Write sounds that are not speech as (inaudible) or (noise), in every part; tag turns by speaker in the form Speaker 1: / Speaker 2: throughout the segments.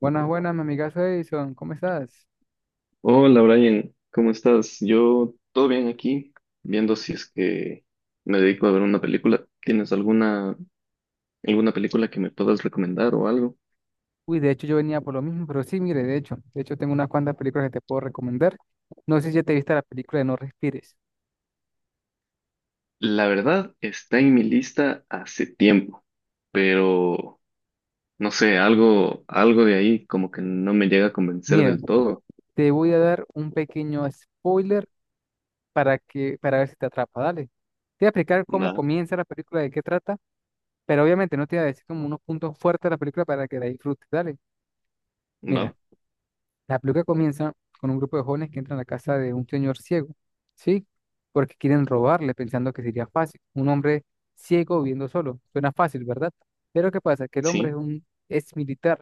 Speaker 1: Buenas, buenas, mi amigazo Edison, ¿cómo estás?
Speaker 2: Hola Brian, ¿cómo estás? Yo todo bien aquí, viendo si es que me dedico a ver una película. ¿Tienes alguna película que me puedas recomendar o algo?
Speaker 1: Uy, de hecho yo venía por lo mismo, pero sí, mire, de hecho tengo unas cuantas películas que te puedo recomendar. No sé si ya te viste la película de No Respires.
Speaker 2: La verdad está en mi lista hace tiempo, pero no sé, algo de ahí como que no me llega a convencer
Speaker 1: Mira,
Speaker 2: del todo.
Speaker 1: te voy a dar un pequeño spoiler para ver si te atrapa, dale. Te voy a explicar
Speaker 2: Va,
Speaker 1: cómo comienza la película, de qué trata, pero obviamente no te voy a decir como unos puntos fuertes de la película para que la disfrutes, dale. Mira,
Speaker 2: va,
Speaker 1: la película comienza con un grupo de jóvenes que entran a la casa de un señor ciego, ¿sí? Porque quieren robarle pensando que sería fácil. Un hombre ciego viviendo solo. Suena fácil, ¿verdad? Pero ¿qué pasa? Que el hombre es
Speaker 2: sí,
Speaker 1: un ex militar.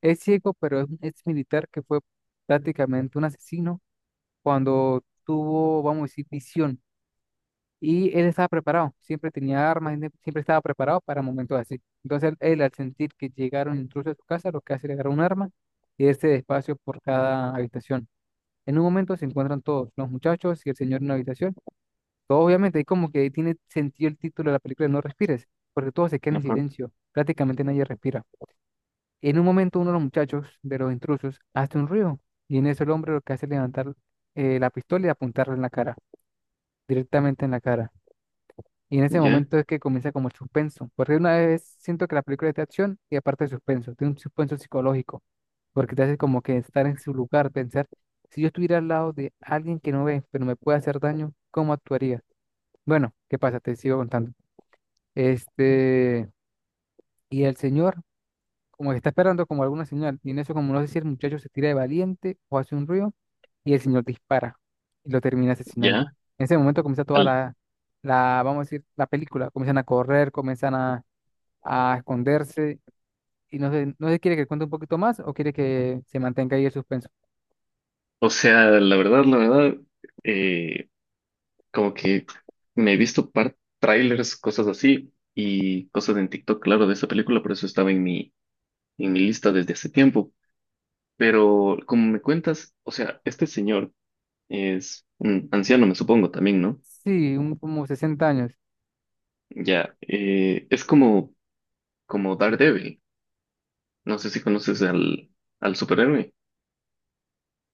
Speaker 1: Es ciego, pero es un ex militar que fue prácticamente un asesino cuando tuvo, vamos a decir, visión. Y él estaba preparado, siempre tenía armas, siempre estaba preparado para momentos así. Entonces él, al sentir que llegaron intrusos a su casa, lo que hace es agarrar un arma y irse despacio por cada habitación. En un momento se encuentran todos, los muchachos y el señor en una habitación. Todo obviamente, ahí como que tiene sentido el título de la película de No respires, porque todos se quedan en
Speaker 2: ajá,
Speaker 1: silencio, prácticamente nadie respira. En un momento uno de los muchachos, de los intrusos, hace un ruido y en eso el hombre lo que hace es levantar la pistola y apuntarle en la cara, directamente en la cara. Y en ese
Speaker 2: ya,
Speaker 1: momento es que comienza como el suspenso, porque una vez siento que la película es de acción y aparte de suspenso, tiene un suspenso psicológico porque te hace como que estar en su lugar, pensar, si yo estuviera al lado de alguien que no ve, pero me puede hacer daño, ¿cómo actuaría? Bueno, ¿qué pasa? Te sigo contando. Este, y el señor, como que está esperando como alguna señal, y en eso como no sé si el muchacho se tira de valiente o hace un ruido, y el señor dispara y lo termina asesinando.
Speaker 2: ya.
Speaker 1: En ese momento comienza toda
Speaker 2: Al-
Speaker 1: la, vamos a decir, la película, comienzan a correr, comienzan a esconderse, y no sé, no sé, ¿quiere que cuente un poquito más o quiere que se mantenga ahí el suspenso?
Speaker 2: o sea, la verdad, eh, como que me he visto par trailers, cosas así, y cosas en TikTok, claro, de esa película, por eso estaba en mi lista desde hace tiempo. Pero como me cuentas, o sea, este señor es un anciano, me supongo, también, ¿no?
Speaker 1: Sí, un, como 60 años.
Speaker 2: Ya, es como, como Daredevil. No sé si conoces al superhéroe.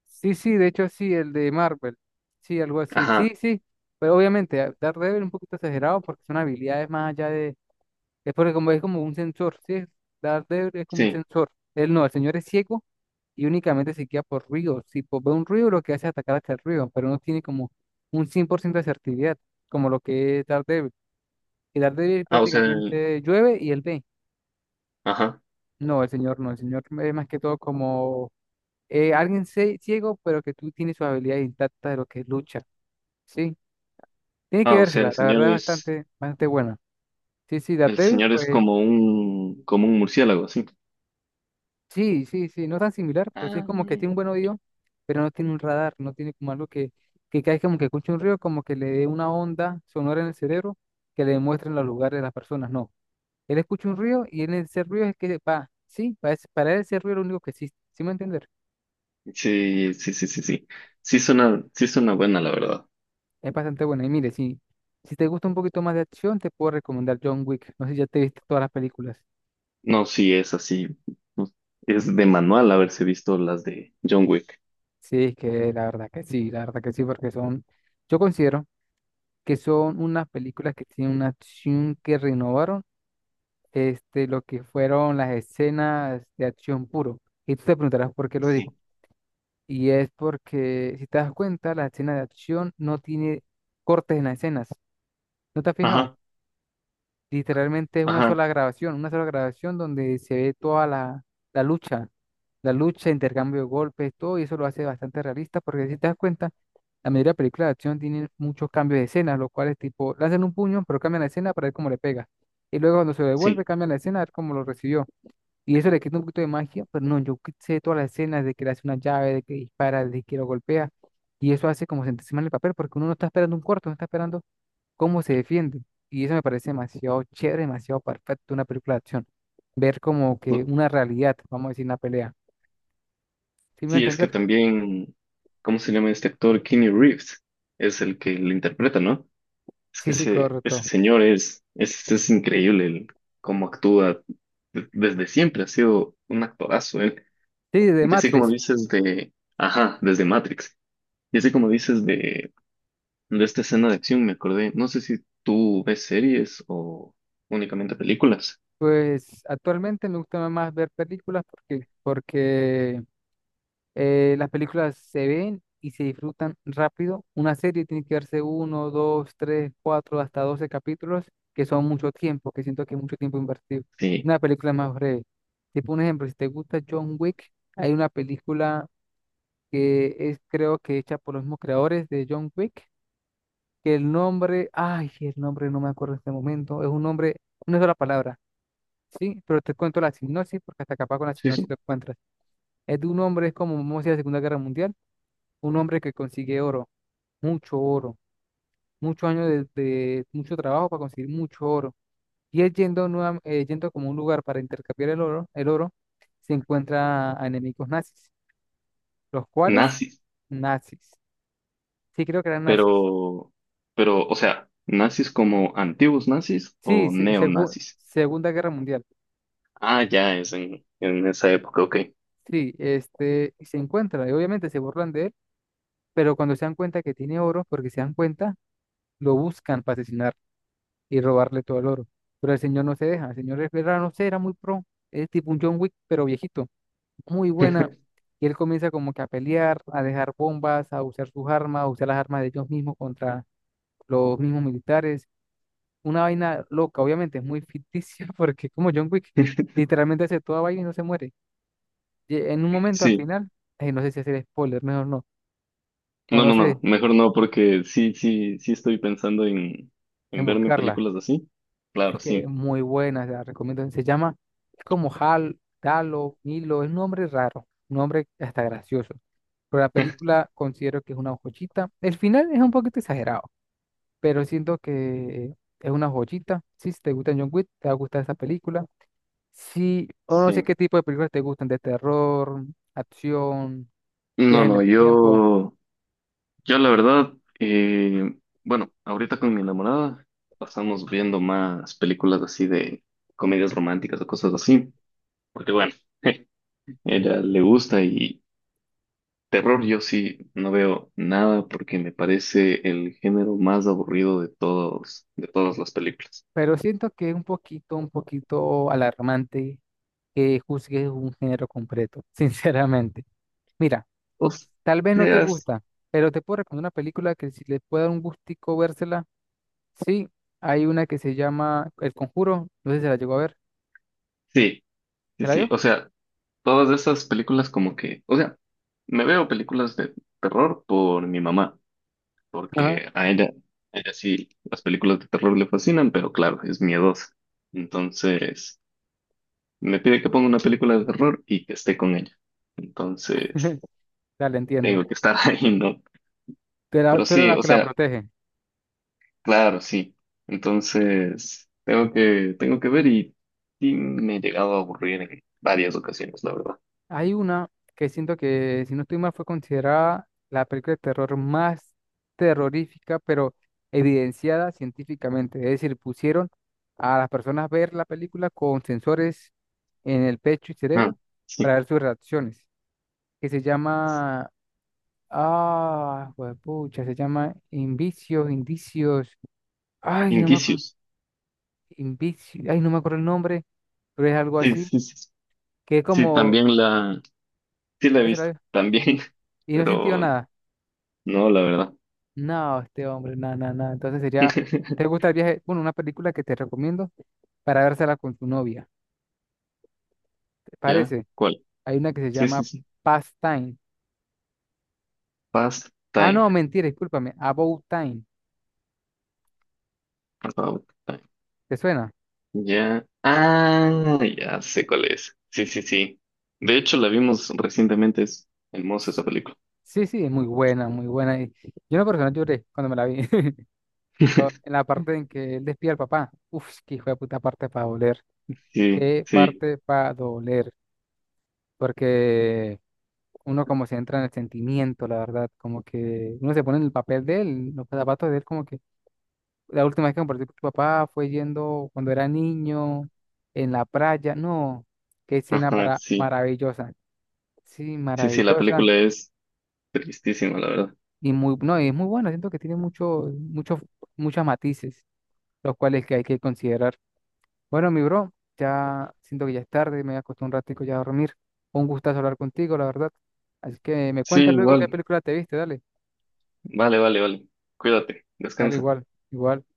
Speaker 1: Sí, sí, de hecho sí, el de Marvel. Sí, algo así. Sí,
Speaker 2: Ajá,
Speaker 1: sí. Pero obviamente, Daredevil un poquito exagerado porque son habilidades más allá de... Es porque como es como un sensor, ¿sí? Daredevil es como un
Speaker 2: sí.
Speaker 1: sensor. Él no, el señor es ciego y únicamente se guía por ruidos. Si ve un ruido, lo que hace es atacar hasta el ruido, pero no tiene como un 100% de asertividad, como lo que es Daredevil. Y Daredevil
Speaker 2: Ah, o sea,
Speaker 1: prácticamente llueve y él ve.
Speaker 2: ajá.
Speaker 1: No, el señor no, el señor es más que todo como... alguien ciego, pero que tú tienes su habilidad intacta de lo que es lucha, ¿sí? Tiene que
Speaker 2: Ah, o sea,
Speaker 1: vérsela, la verdad, es bastante, bastante buena. Sí, sí,
Speaker 2: el
Speaker 1: Daredevil,
Speaker 2: señor es
Speaker 1: pues
Speaker 2: como un murciélago, así.
Speaker 1: sí, sí, sí, no tan similar, pero sí es
Speaker 2: Ah.
Speaker 1: como que tiene un buen oído, pero no tiene un radar, no tiene como algo que cae como que escuche un río, como que le dé una onda sonora en el cerebro que le muestren los lugares de las personas, no. Él escucha un río y en ese río es que va, sí, para él ese río es lo único que existe, ¿sí me entiendes?
Speaker 2: Sí, sí, sí, sí, sí. Sí suena buena, la verdad.
Speaker 1: Es bastante buena. Y mire, si, si te gusta un poquito más de acción, te puedo recomendar John Wick. No sé si ya te viste todas las películas.
Speaker 2: No, sí es así. No, es de manual haberse visto las de John Wick.
Speaker 1: Sí, es que la verdad que sí, la verdad que sí, porque son, yo considero que son unas películas que tienen una acción que renovaron este, lo que fueron las escenas de acción puro. Y tú te preguntarás por qué lo digo.
Speaker 2: Sí.
Speaker 1: Y es porque, si te das cuenta, la escena de acción no tiene cortes en las escenas. ¿No te has fijado?
Speaker 2: Ajá,
Speaker 1: Literalmente es
Speaker 2: ajá,
Speaker 1: una sola grabación donde se ve toda la, la lucha, la lucha, intercambio de golpes, todo, y eso lo hace bastante realista, porque si te das cuenta, la mayoría de películas de acción tienen muchos cambios de escena, los cuales tipo lanzan un puño, pero cambian la escena para ver cómo le pega. Y luego cuando se lo devuelve,
Speaker 2: sí.
Speaker 1: cambian la escena a ver cómo lo recibió. Y eso le quita un poquito de magia, pero no, yo sé todas las escenas de que le hace una llave, de que dispara, de que lo golpea, y eso hace como sentirse mal el papel, porque uno no está esperando un corto, no está esperando cómo se defiende. Y eso me parece demasiado chévere, demasiado perfecto una película de acción. Ver como que
Speaker 2: Bu-
Speaker 1: una realidad, vamos a decir, una pelea. ¿Sí me va a
Speaker 2: Sí, es que
Speaker 1: entender?
Speaker 2: también, ¿cómo se llama este actor? Keanu Reeves es el que lo interpreta, ¿no? Es que
Speaker 1: Sí, sí,
Speaker 2: ese
Speaker 1: correcto.
Speaker 2: señor es increíble el cómo actúa. Desde siempre ha sido un actorazo, él.
Speaker 1: Sí, de
Speaker 2: Y así como
Speaker 1: Matrix.
Speaker 2: dices de, ajá, desde Matrix. Y así como dices de esta escena de acción me acordé. No sé si tú ves series o únicamente películas.
Speaker 1: Pues actualmente me gusta más ver películas porque las películas se ven y se disfrutan rápido. Una serie tiene que verse uno, dos, tres, cuatro, hasta 12 capítulos, que son mucho tiempo, que siento que es mucho tiempo invertido.
Speaker 2: Sí,
Speaker 1: Una película es más breve. Tipo un ejemplo, si te gusta John Wick, hay una película que es creo que hecha por los mismos creadores de John Wick, que el nombre, ay, el nombre no me acuerdo en este momento, es un nombre, una sola palabra, ¿sí? Pero te cuento la sinopsis porque hasta capaz con la
Speaker 2: sí,
Speaker 1: sinopsis
Speaker 2: sí.
Speaker 1: lo encuentras. Es de un hombre, es como, vamos a decir, la Segunda Guerra Mundial, un hombre que consigue oro, mucho oro, muchos años de mucho trabajo para conseguir mucho oro. Y él yendo, yendo como un lugar para intercambiar el oro, se encuentra a enemigos nazis, los cuales,
Speaker 2: Nazis,
Speaker 1: nazis. Sí, creo que eran nazis.
Speaker 2: pero, pero, o sea, nazis como antiguos nazis
Speaker 1: Sí,
Speaker 2: o neonazis.
Speaker 1: Segunda Guerra Mundial.
Speaker 2: Ah, ya es en esa época, ok.
Speaker 1: Sí, este, y se encuentra, y obviamente se burlan de él, pero cuando se dan cuenta que tiene oro, porque se dan cuenta, lo buscan para asesinar y robarle todo el oro. Pero el señor no se deja, el señor es, era, no sé, era muy pro, es tipo un John Wick, pero viejito, muy buena.
Speaker 2: (laughs)
Speaker 1: Y él comienza como que a pelear, a dejar bombas, a usar sus armas, a usar las armas de ellos mismos contra los mismos militares. Una vaina loca, obviamente, es muy ficticia (laughs) porque es como John Wick literalmente hace toda vaina y no se muere. Y en un momento al
Speaker 2: Sí,
Speaker 1: final, ay, no sé si hacer spoiler, mejor no, o
Speaker 2: no,
Speaker 1: no
Speaker 2: no, no,
Speaker 1: sé,
Speaker 2: mejor no, porque sí, sí, sí estoy pensando
Speaker 1: en
Speaker 2: en verme
Speaker 1: buscarla.
Speaker 2: películas así.
Speaker 1: Es
Speaker 2: Claro,
Speaker 1: que es
Speaker 2: sí,
Speaker 1: muy buena, la recomiendo. Se llama, es como Hal, Galo Milo, es un nombre raro, un nombre hasta gracioso. Pero la
Speaker 2: (laughs)
Speaker 1: película considero que es una joyita. El final es un poquito exagerado, pero siento que es una joyita. Sí, si te gusta John Wick, te va a gustar esa película. Sí, o no sé qué
Speaker 2: sí.
Speaker 1: tipo de películas te gustan, de terror, acción,
Speaker 2: No,
Speaker 1: viaje en el
Speaker 2: no,
Speaker 1: tiempo,
Speaker 2: yo. Yo la verdad, eh, bueno, ahorita con mi enamorada pasamos viendo más películas así de comedias románticas o cosas así, porque bueno, (laughs) ella le gusta y terror yo sí no veo nada porque me parece el género más aburrido de todos, de todas las películas.
Speaker 1: pero siento que es un poquito alarmante que juzgues un género completo, (laughs) sinceramente. Mira.
Speaker 2: O
Speaker 1: Tal vez no te
Speaker 2: sea,
Speaker 1: gusta, pero te puedo recomendar una película que si les puede dar un gustico vérsela. Sí, hay una que se llama El Conjuro. No sé si se la llegó a ver.
Speaker 2: sí,
Speaker 1: ¿Te
Speaker 2: sí,
Speaker 1: la
Speaker 2: sí,
Speaker 1: vio?
Speaker 2: o sea, todas esas películas como que, o sea, me veo películas de terror por mi mamá,
Speaker 1: Ajá.
Speaker 2: porque a ella sí las películas de terror le fascinan, pero claro, es miedosa. Entonces, me pide que ponga una película de terror y que esté con ella. Entonces,
Speaker 1: (laughs) Dale, entiendo.
Speaker 2: tengo que estar (laughs) ahí, ¿no?
Speaker 1: Tú eras,
Speaker 2: Pero
Speaker 1: tú eras
Speaker 2: sí,
Speaker 1: la
Speaker 2: o
Speaker 1: que la
Speaker 2: sea,
Speaker 1: protege.
Speaker 2: claro, sí. Entonces, tengo que ver y me he llegado a aburrir en varias ocasiones, la verdad.
Speaker 1: Hay una que siento que, si no estoy mal, fue considerada la película de terror más terrorífica, pero evidenciada científicamente. Es decir, pusieron a las personas a ver la película con sensores en el pecho y
Speaker 2: Ah,
Speaker 1: cerebro para
Speaker 2: sí.
Speaker 1: ver sus reacciones, que se llama ah, pucha, se llama Invicios, Indicios. Ay, no me acuerdo.
Speaker 2: Indicios.
Speaker 1: Invicios, ay, no me acuerdo el nombre, pero es algo
Speaker 2: Sí,
Speaker 1: así,
Speaker 2: sí, sí.
Speaker 1: que es
Speaker 2: Sí,
Speaker 1: como,
Speaker 2: también la, sí la he
Speaker 1: ¿qué
Speaker 2: visto,
Speaker 1: será?
Speaker 2: también,
Speaker 1: Y,
Speaker 2: (laughs)
Speaker 1: y no he sentido
Speaker 2: pero
Speaker 1: nada.
Speaker 2: no, la verdad.
Speaker 1: No, este hombre, nada, nada, nada. Entonces sería, ¿te
Speaker 2: (laughs)
Speaker 1: gusta el viaje? Bueno, una película que te recomiendo para vérsela con tu novia. ¿Te
Speaker 2: ¿Ya?
Speaker 1: parece?
Speaker 2: ¿Cuál?
Speaker 1: Hay una que se
Speaker 2: Sí, sí,
Speaker 1: llama
Speaker 2: sí.
Speaker 1: Past Time.
Speaker 2: Past
Speaker 1: Ah,
Speaker 2: time.
Speaker 1: no, mentira, discúlpame. About Time.
Speaker 2: About time.
Speaker 1: ¿Te suena?
Speaker 2: Ya. Ah, ya sé cuál es. Sí, sí, sí. De hecho, la vimos recientemente. Es hermosa esa película.
Speaker 1: Sí, sí, es muy buena, muy buena. Y yo en lo personal lloré cuando me la vi. (laughs) En
Speaker 2: (laughs)
Speaker 1: la parte en que él despide al papá. Uf, qué hijo de puta parte para doler.
Speaker 2: Sí,
Speaker 1: Qué
Speaker 2: sí.
Speaker 1: parte para doler. Porque uno como se entra en el sentimiento, la verdad. Como que uno se pone en el papel de él, los zapatos de él. Como que la última vez que compartí con tu papá fue yendo cuando era niño, en la playa. No, qué escena
Speaker 2: Ajá,
Speaker 1: para
Speaker 2: sí.
Speaker 1: maravillosa. Sí,
Speaker 2: Sí, sí, la
Speaker 1: maravillosa.
Speaker 2: película es tristísima, la verdad.
Speaker 1: Y muy, no, y es muy bueno. Siento que tiene mucho, muchos muchos matices, los cuales que hay que considerar. Bueno, mi bro, ya siento que ya es tarde, me voy a acostar un ratico ya a dormir. Un gustazo hablar contigo, la verdad. Así que me
Speaker 2: Sí,
Speaker 1: cuentas luego qué
Speaker 2: igual.
Speaker 1: película te viste, dale,
Speaker 2: Vale, vale, vale. Cuídate.
Speaker 1: dale
Speaker 2: Descansa.
Speaker 1: igual, igual.